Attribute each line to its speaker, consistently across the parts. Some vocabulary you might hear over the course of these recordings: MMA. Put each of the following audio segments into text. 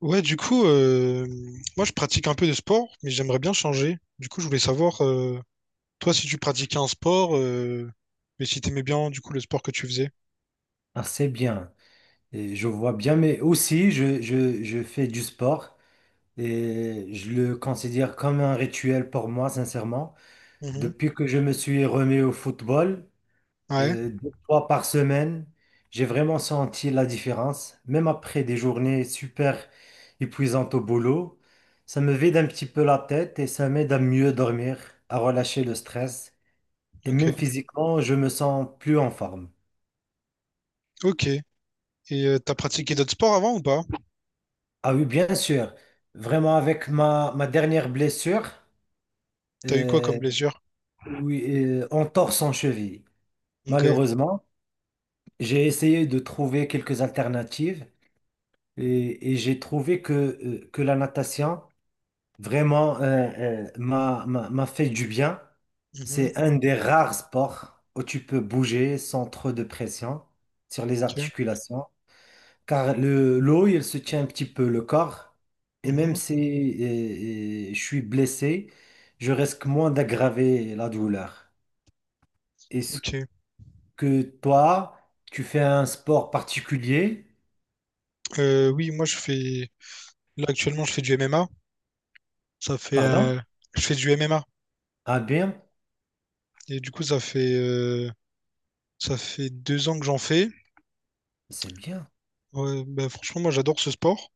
Speaker 1: Ouais, du coup, moi je pratique un peu de sport, mais j'aimerais bien changer. Du coup, je voulais savoir, toi, si tu pratiquais un sport, et si t'aimais bien, du coup, le sport que tu faisais.
Speaker 2: Ah, c'est bien. Et je vois bien, mais aussi je fais du sport et je le considère comme un rituel pour moi, sincèrement.
Speaker 1: Mhm.
Speaker 2: Depuis que je me suis remis au football,
Speaker 1: Ouais,
Speaker 2: 2 fois par semaine, j'ai vraiment senti la différence. Même après des journées super épuisantes au boulot, ça me vide un petit peu la tête et ça m'aide à mieux dormir, à relâcher le stress. Et
Speaker 1: ok.
Speaker 2: même physiquement, je me sens plus en forme.
Speaker 1: Ok. Et t'as pratiqué d'autres sports avant ou pas?
Speaker 2: Ah oui, bien sûr. Vraiment, avec ma dernière blessure,
Speaker 1: T'as eu quoi comme
Speaker 2: euh,
Speaker 1: blessure?
Speaker 2: oui, en torse en cheville.
Speaker 1: Ok.
Speaker 2: Malheureusement, j'ai essayé de trouver quelques alternatives et j'ai trouvé que la natation vraiment m'a fait du bien.
Speaker 1: Mhm.
Speaker 2: C'est un des rares sports où tu peux bouger sans trop de pression sur les
Speaker 1: Ok.
Speaker 2: articulations. Car l'eau, elle se tient un petit peu le corps. Et même
Speaker 1: Mhm.
Speaker 2: si je suis blessé, je risque moins d'aggraver la douleur. Est-ce
Speaker 1: Ok.
Speaker 2: que toi, tu fais un sport particulier?
Speaker 1: Oui, moi je fais. Là actuellement, je fais du MMA. Ça fait.
Speaker 2: Pardon?
Speaker 1: Je fais du MMA.
Speaker 2: Ah bien,
Speaker 1: Et du coup, ça fait 2 ans que j'en fais.
Speaker 2: c'est bien.
Speaker 1: Ouais, bah, franchement, moi, j'adore ce sport.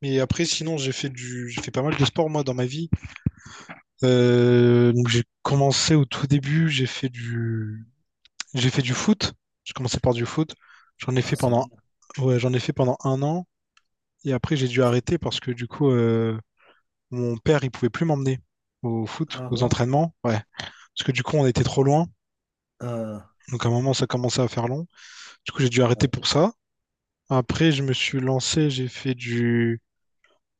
Speaker 1: Mais après, sinon, j'ai fait pas mal de sport, moi, dans ma vie. Donc, j'ai commencé au tout début, j'ai fait du foot. J'ai commencé par du foot. J'en ai
Speaker 2: Ah,
Speaker 1: fait
Speaker 2: c'est
Speaker 1: pendant,
Speaker 2: bien.
Speaker 1: ouais, j'en ai fait pendant 1 an. Et après, j'ai dû arrêter parce que, du coup, mon père, il pouvait plus m'emmener au foot,
Speaker 2: Ah
Speaker 1: aux
Speaker 2: bon?
Speaker 1: entraînements. Ouais. Parce que, du coup, on était trop loin.
Speaker 2: Ah,
Speaker 1: Donc, à un moment, ça commençait à faire long. Du coup, j'ai dû arrêter
Speaker 2: ouais.
Speaker 1: pour ça. Après, je me suis lancé,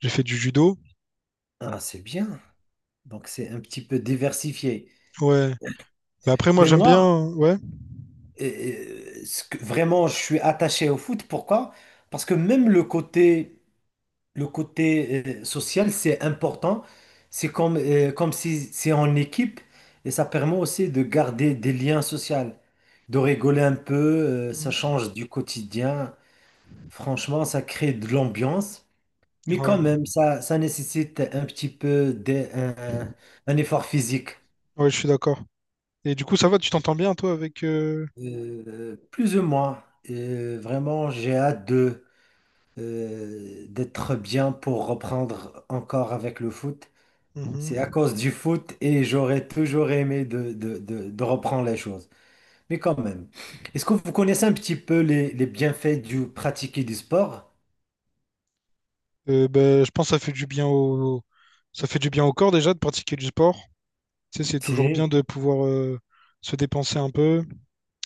Speaker 1: j'ai fait du judo.
Speaker 2: Ah, c'est bien. Donc c'est un petit peu diversifié.
Speaker 1: Ouais. Mais après, moi,
Speaker 2: Mais
Speaker 1: j'aime
Speaker 2: moi,
Speaker 1: bien. Ouais.
Speaker 2: vraiment, je suis attaché au foot. Pourquoi? Parce que même le côté social, c'est important. Comme si c'est en équipe et ça permet aussi de garder des liens sociaux, de rigoler un peu, ça
Speaker 1: Mm.
Speaker 2: change du quotidien. Franchement, ça crée de l'ambiance, mais quand
Speaker 1: Ouais.
Speaker 2: même, ça nécessite un petit peu un effort physique.
Speaker 1: Ouais, je suis d'accord. Et du coup, ça va, tu t'entends bien, toi, avec.
Speaker 2: Plus ou moins. Vraiment, j'ai hâte d'être bien pour reprendre encore avec le foot. C'est à
Speaker 1: Mhm.
Speaker 2: cause du foot et j'aurais toujours aimé de reprendre les choses. Mais quand même, est-ce que vous connaissez un petit peu les bienfaits du pratiquer du sport?
Speaker 1: Ben, je pense que ça fait du bien au corps déjà de pratiquer du sport. Tu sais, c'est toujours bien
Speaker 2: Si,
Speaker 1: de pouvoir se dépenser un peu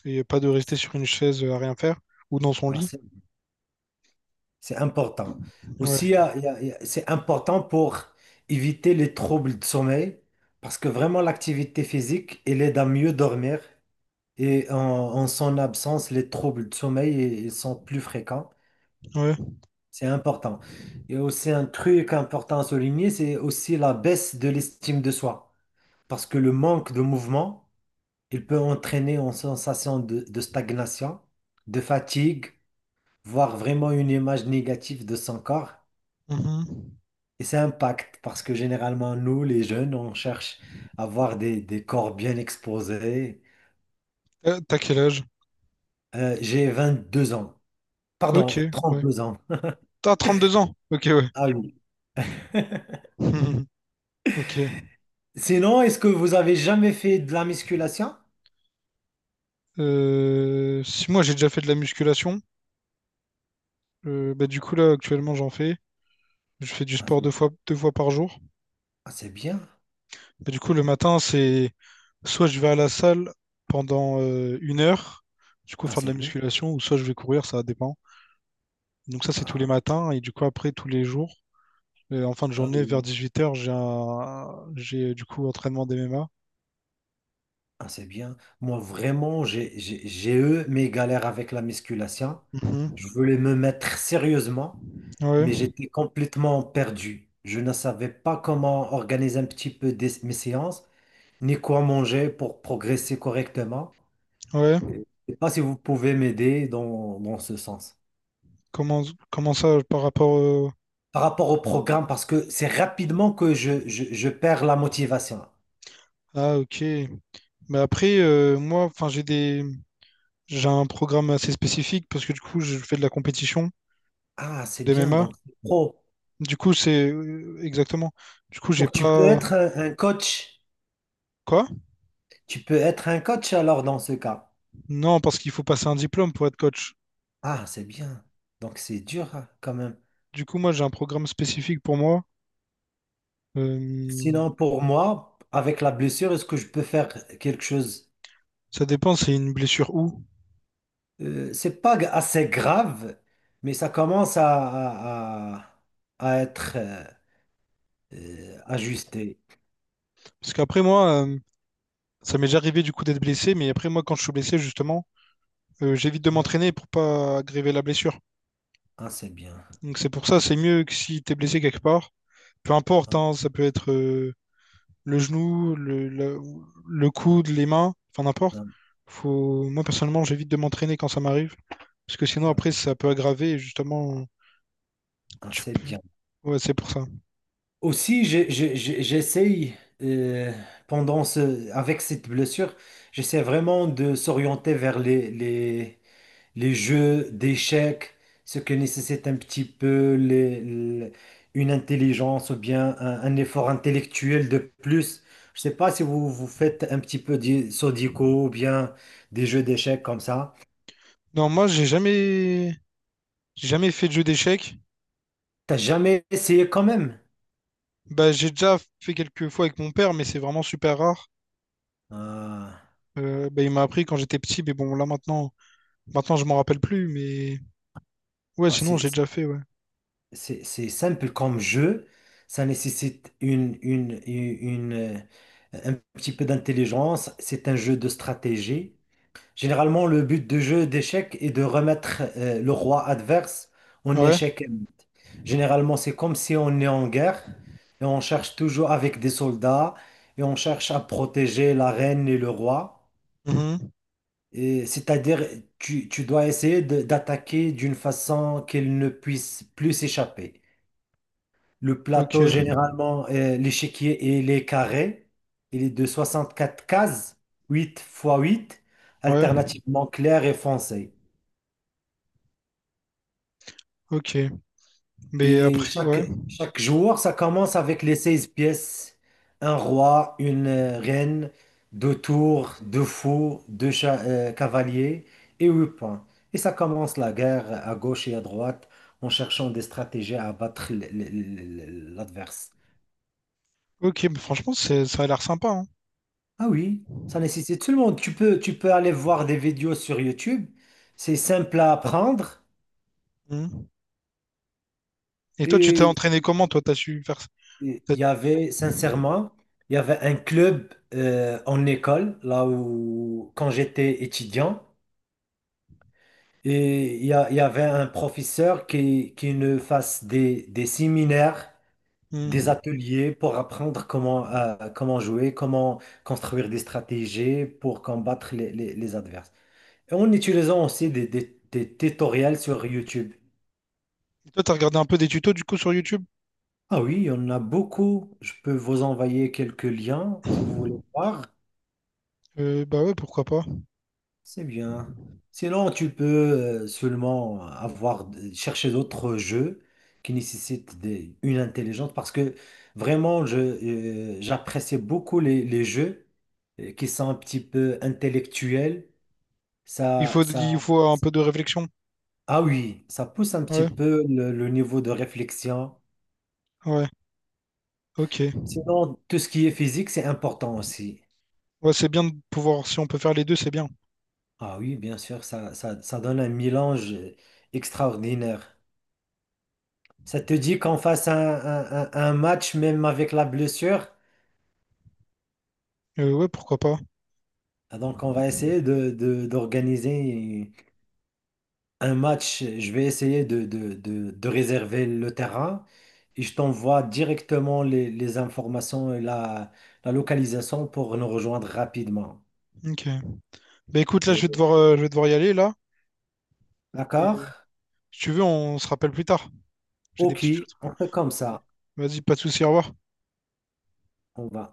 Speaker 1: et pas de rester sur une chaise à rien faire ou dans son
Speaker 2: alors,
Speaker 1: lit.
Speaker 2: c'est important.
Speaker 1: Ouais,
Speaker 2: Aussi, il y a- il y a- il y a- c'est important pour éviter les troubles de sommeil parce que vraiment l'activité physique, elle aide à mieux dormir et en son absence, les troubles de sommeil, ils sont plus fréquents.
Speaker 1: ouais.
Speaker 2: C'est important. Et aussi un truc important à souligner, c'est aussi la baisse de l'estime de soi. Parce que le manque de mouvement, il peut entraîner une sensation de stagnation, de fatigue, voire vraiment une image négative de son corps.
Speaker 1: Mhm.
Speaker 2: Et ça impacte parce que généralement, nous, les jeunes, on cherche à avoir des corps bien exposés.
Speaker 1: T'as quel âge?
Speaker 2: J'ai 2 ans.
Speaker 1: Ok,
Speaker 2: Pardon, trente
Speaker 1: ouais.
Speaker 2: deux ans.
Speaker 1: T'as 32 ans? Ok, ouais.
Speaker 2: Ah oui.
Speaker 1: Mhm. Ok.
Speaker 2: Sinon, est-ce que vous avez jamais fait de la musculation?
Speaker 1: Si moi j'ai déjà fait de la musculation, bah, du coup là actuellement j'en fais. Je fais du
Speaker 2: Ah,
Speaker 1: sport
Speaker 2: c'est
Speaker 1: 2 fois par jour.
Speaker 2: Ah, c'est bien.
Speaker 1: Bah, du coup le matin c'est soit je vais à la salle pendant 1 heure, du coup
Speaker 2: Ah,
Speaker 1: faire de
Speaker 2: c'est
Speaker 1: la
Speaker 2: bien.
Speaker 1: musculation, ou soit je vais courir, ça dépend. Donc ça, c'est tous les
Speaker 2: Ah,
Speaker 1: matins, et du coup après, tous les jours. Et en fin de
Speaker 2: ah
Speaker 1: journée,
Speaker 2: oui.
Speaker 1: vers
Speaker 2: Oui.
Speaker 1: 18h, j'ai du coup entraînement d'MMA.
Speaker 2: Ah, c'est bien. Moi, vraiment, j'ai eu mes galères avec la musculation.
Speaker 1: Mhm.
Speaker 2: Je voulais me mettre sérieusement,
Speaker 1: Ouais,
Speaker 2: mais j'étais complètement perdu. Je ne savais pas comment organiser un petit peu mes séances, ni quoi manger pour progresser correctement.
Speaker 1: ouais.
Speaker 2: Je ne sais pas si vous pouvez m'aider dans ce sens.
Speaker 1: Comment, comment ça par rapport
Speaker 2: Par rapport au programme, parce que c'est rapidement que je perds la motivation.
Speaker 1: Ah, ok. Mais après, moi, enfin, j'ai un programme assez spécifique parce que du coup, je fais de la compétition
Speaker 2: Ah, c'est bien,
Speaker 1: d'MMA.
Speaker 2: donc c'est pro.
Speaker 1: Du coup, c'est exactement. Du coup, j'ai
Speaker 2: Donc, tu peux
Speaker 1: pas.
Speaker 2: être un coach.
Speaker 1: Quoi?
Speaker 2: Tu peux être un coach alors dans ce cas.
Speaker 1: Non, parce qu'il faut passer un diplôme pour être coach.
Speaker 2: Ah, c'est bien. Donc, c'est dur hein, quand même.
Speaker 1: Du coup, moi, j'ai un programme spécifique pour moi. Euh,
Speaker 2: Sinon, pour moi, avec la blessure, est-ce que je peux faire quelque chose?
Speaker 1: Ça dépend, c'est une blessure où.
Speaker 2: C'est pas assez grave, mais ça commence à être ajusté.
Speaker 1: Parce qu'après moi, ça m'est déjà arrivé du coup d'être blessé, mais après moi, quand je suis blessé, justement, j'évite de
Speaker 2: Ah,
Speaker 1: m'entraîner pour pas aggraver la blessure.
Speaker 2: ah, c'est bien.
Speaker 1: Donc c'est pour ça, c'est mieux que si t'es blessé quelque part. Peu importe,
Speaker 2: Ah,
Speaker 1: hein, ça peut être le genou, le coude, les mains, enfin n'importe.
Speaker 2: ah,
Speaker 1: Moi, personnellement, j'évite de m'entraîner quand ça m'arrive. Parce que sinon, après,
Speaker 2: ah,
Speaker 1: ça peut aggraver et justement.
Speaker 2: ah,
Speaker 1: Tu
Speaker 2: c'est
Speaker 1: peux...
Speaker 2: bien.
Speaker 1: Ouais, c'est pour ça.
Speaker 2: Aussi, j'essaye euh, avec cette blessure, j'essaie vraiment de s'orienter vers les jeux d'échecs, ce que nécessite un petit peu une intelligence ou bien un effort intellectuel de plus. Je sais pas si vous, vous faites un petit peu de Sudoku ou bien des jeux d'échecs comme ça.
Speaker 1: Non, moi, j'ai jamais fait de jeu d'échecs.
Speaker 2: T'as jamais essayé quand même?
Speaker 1: Bah, j'ai déjà fait quelques fois avec mon père, mais c'est vraiment super rare.
Speaker 2: Ah,
Speaker 1: Bah, il m'a appris quand j'étais petit, mais bon, maintenant je m'en rappelle plus, mais... Ouais,
Speaker 2: ah,
Speaker 1: sinon,
Speaker 2: c'est
Speaker 1: j'ai déjà fait, ouais.
Speaker 2: c'est simple comme jeu, ça nécessite une, euh, un petit peu d'intelligence, c'est un jeu de stratégie. Généralement, le but de jeu d'échecs est de remettre le roi adverse en
Speaker 1: Ouais.
Speaker 2: échec. Généralement, c'est comme si on est en guerre et on cherche toujours avec des soldats et on cherche à protéger la reine et le roi.
Speaker 1: Mhm.
Speaker 2: Et c'est-à-dire, tu dois essayer d'attaquer d'une façon qu'ils ne puissent plus s'échapper. Le
Speaker 1: Ok.
Speaker 2: plateau, généralement, l'échiquier, il est carré. Il est de 64 cases, 8 x 8,
Speaker 1: Ouais.
Speaker 2: alternativement clair et foncé.
Speaker 1: Ok. Mais
Speaker 2: Et
Speaker 1: après, ouais.
Speaker 2: chaque joueur, ça commence avec les 16 pièces. Un roi, une reine, deux tours, deux fous, cavaliers et 8 points. Et ça commence la guerre à gauche et à droite en cherchant des stratégies à battre l'adversaire.
Speaker 1: Ok, mais franchement, ça a l'air sympa, hein.
Speaker 2: Ah oui, ça nécessite tout le monde. Tu peux aller voir des vidéos sur YouTube. C'est simple à apprendre.
Speaker 1: Hmm. Et toi, tu t'es
Speaker 2: Et
Speaker 1: entraîné comment, toi? T'as su faire ça?
Speaker 2: il
Speaker 1: T'as-
Speaker 2: y avait, sincèrement, il y avait un club en école, là où, quand j'étais étudiant. Et il y avait un professeur qui nous fasse des séminaires, des
Speaker 1: hmm.
Speaker 2: ateliers pour apprendre comment jouer, comment construire des stratégies pour combattre les adversaires. En utilisant aussi des tutoriels sur YouTube.
Speaker 1: Et toi, t'as regardé un peu des tutos, du coup, sur YouTube?
Speaker 2: Ah oui, il y en a beaucoup. Je peux vous envoyer quelques liens si vous voulez voir.
Speaker 1: Bah ouais, pourquoi pas.
Speaker 2: C'est bien. Sinon, tu peux seulement avoir chercher d'autres jeux qui nécessitent une intelligence parce que vraiment, j'apprécie beaucoup les jeux qui sont un petit peu intellectuels. Ça, ça,
Speaker 1: Il faut un peu de réflexion.
Speaker 2: ah oui, ça pousse un petit
Speaker 1: Ouais,
Speaker 2: peu le niveau de réflexion.
Speaker 1: ouais, ok.
Speaker 2: Sinon, tout ce qui est physique, c'est important aussi.
Speaker 1: Ouais, c'est bien de pouvoir, si on peut faire les deux, c'est bien.
Speaker 2: Ah oui, bien sûr, ça donne un mélange extraordinaire. Ça te dit qu'on fasse un match même avec la blessure?
Speaker 1: Ouais, pourquoi pas.
Speaker 2: Ah, donc, on va essayer d'organiser un match. Je vais essayer de réserver le terrain et je t'envoie directement les informations et la localisation pour nous rejoindre rapidement.
Speaker 1: Ok. Bah écoute, là,
Speaker 2: Euh,
Speaker 1: je vais devoir y aller, là. Et,
Speaker 2: D'accord?
Speaker 1: si tu veux, on se rappelle plus tard. J'ai des
Speaker 2: Ok,
Speaker 1: petites choses.
Speaker 2: on fait comme
Speaker 1: Vas-y,
Speaker 2: ça.
Speaker 1: Vas-y, pas de souci, au revoir.
Speaker 2: On va.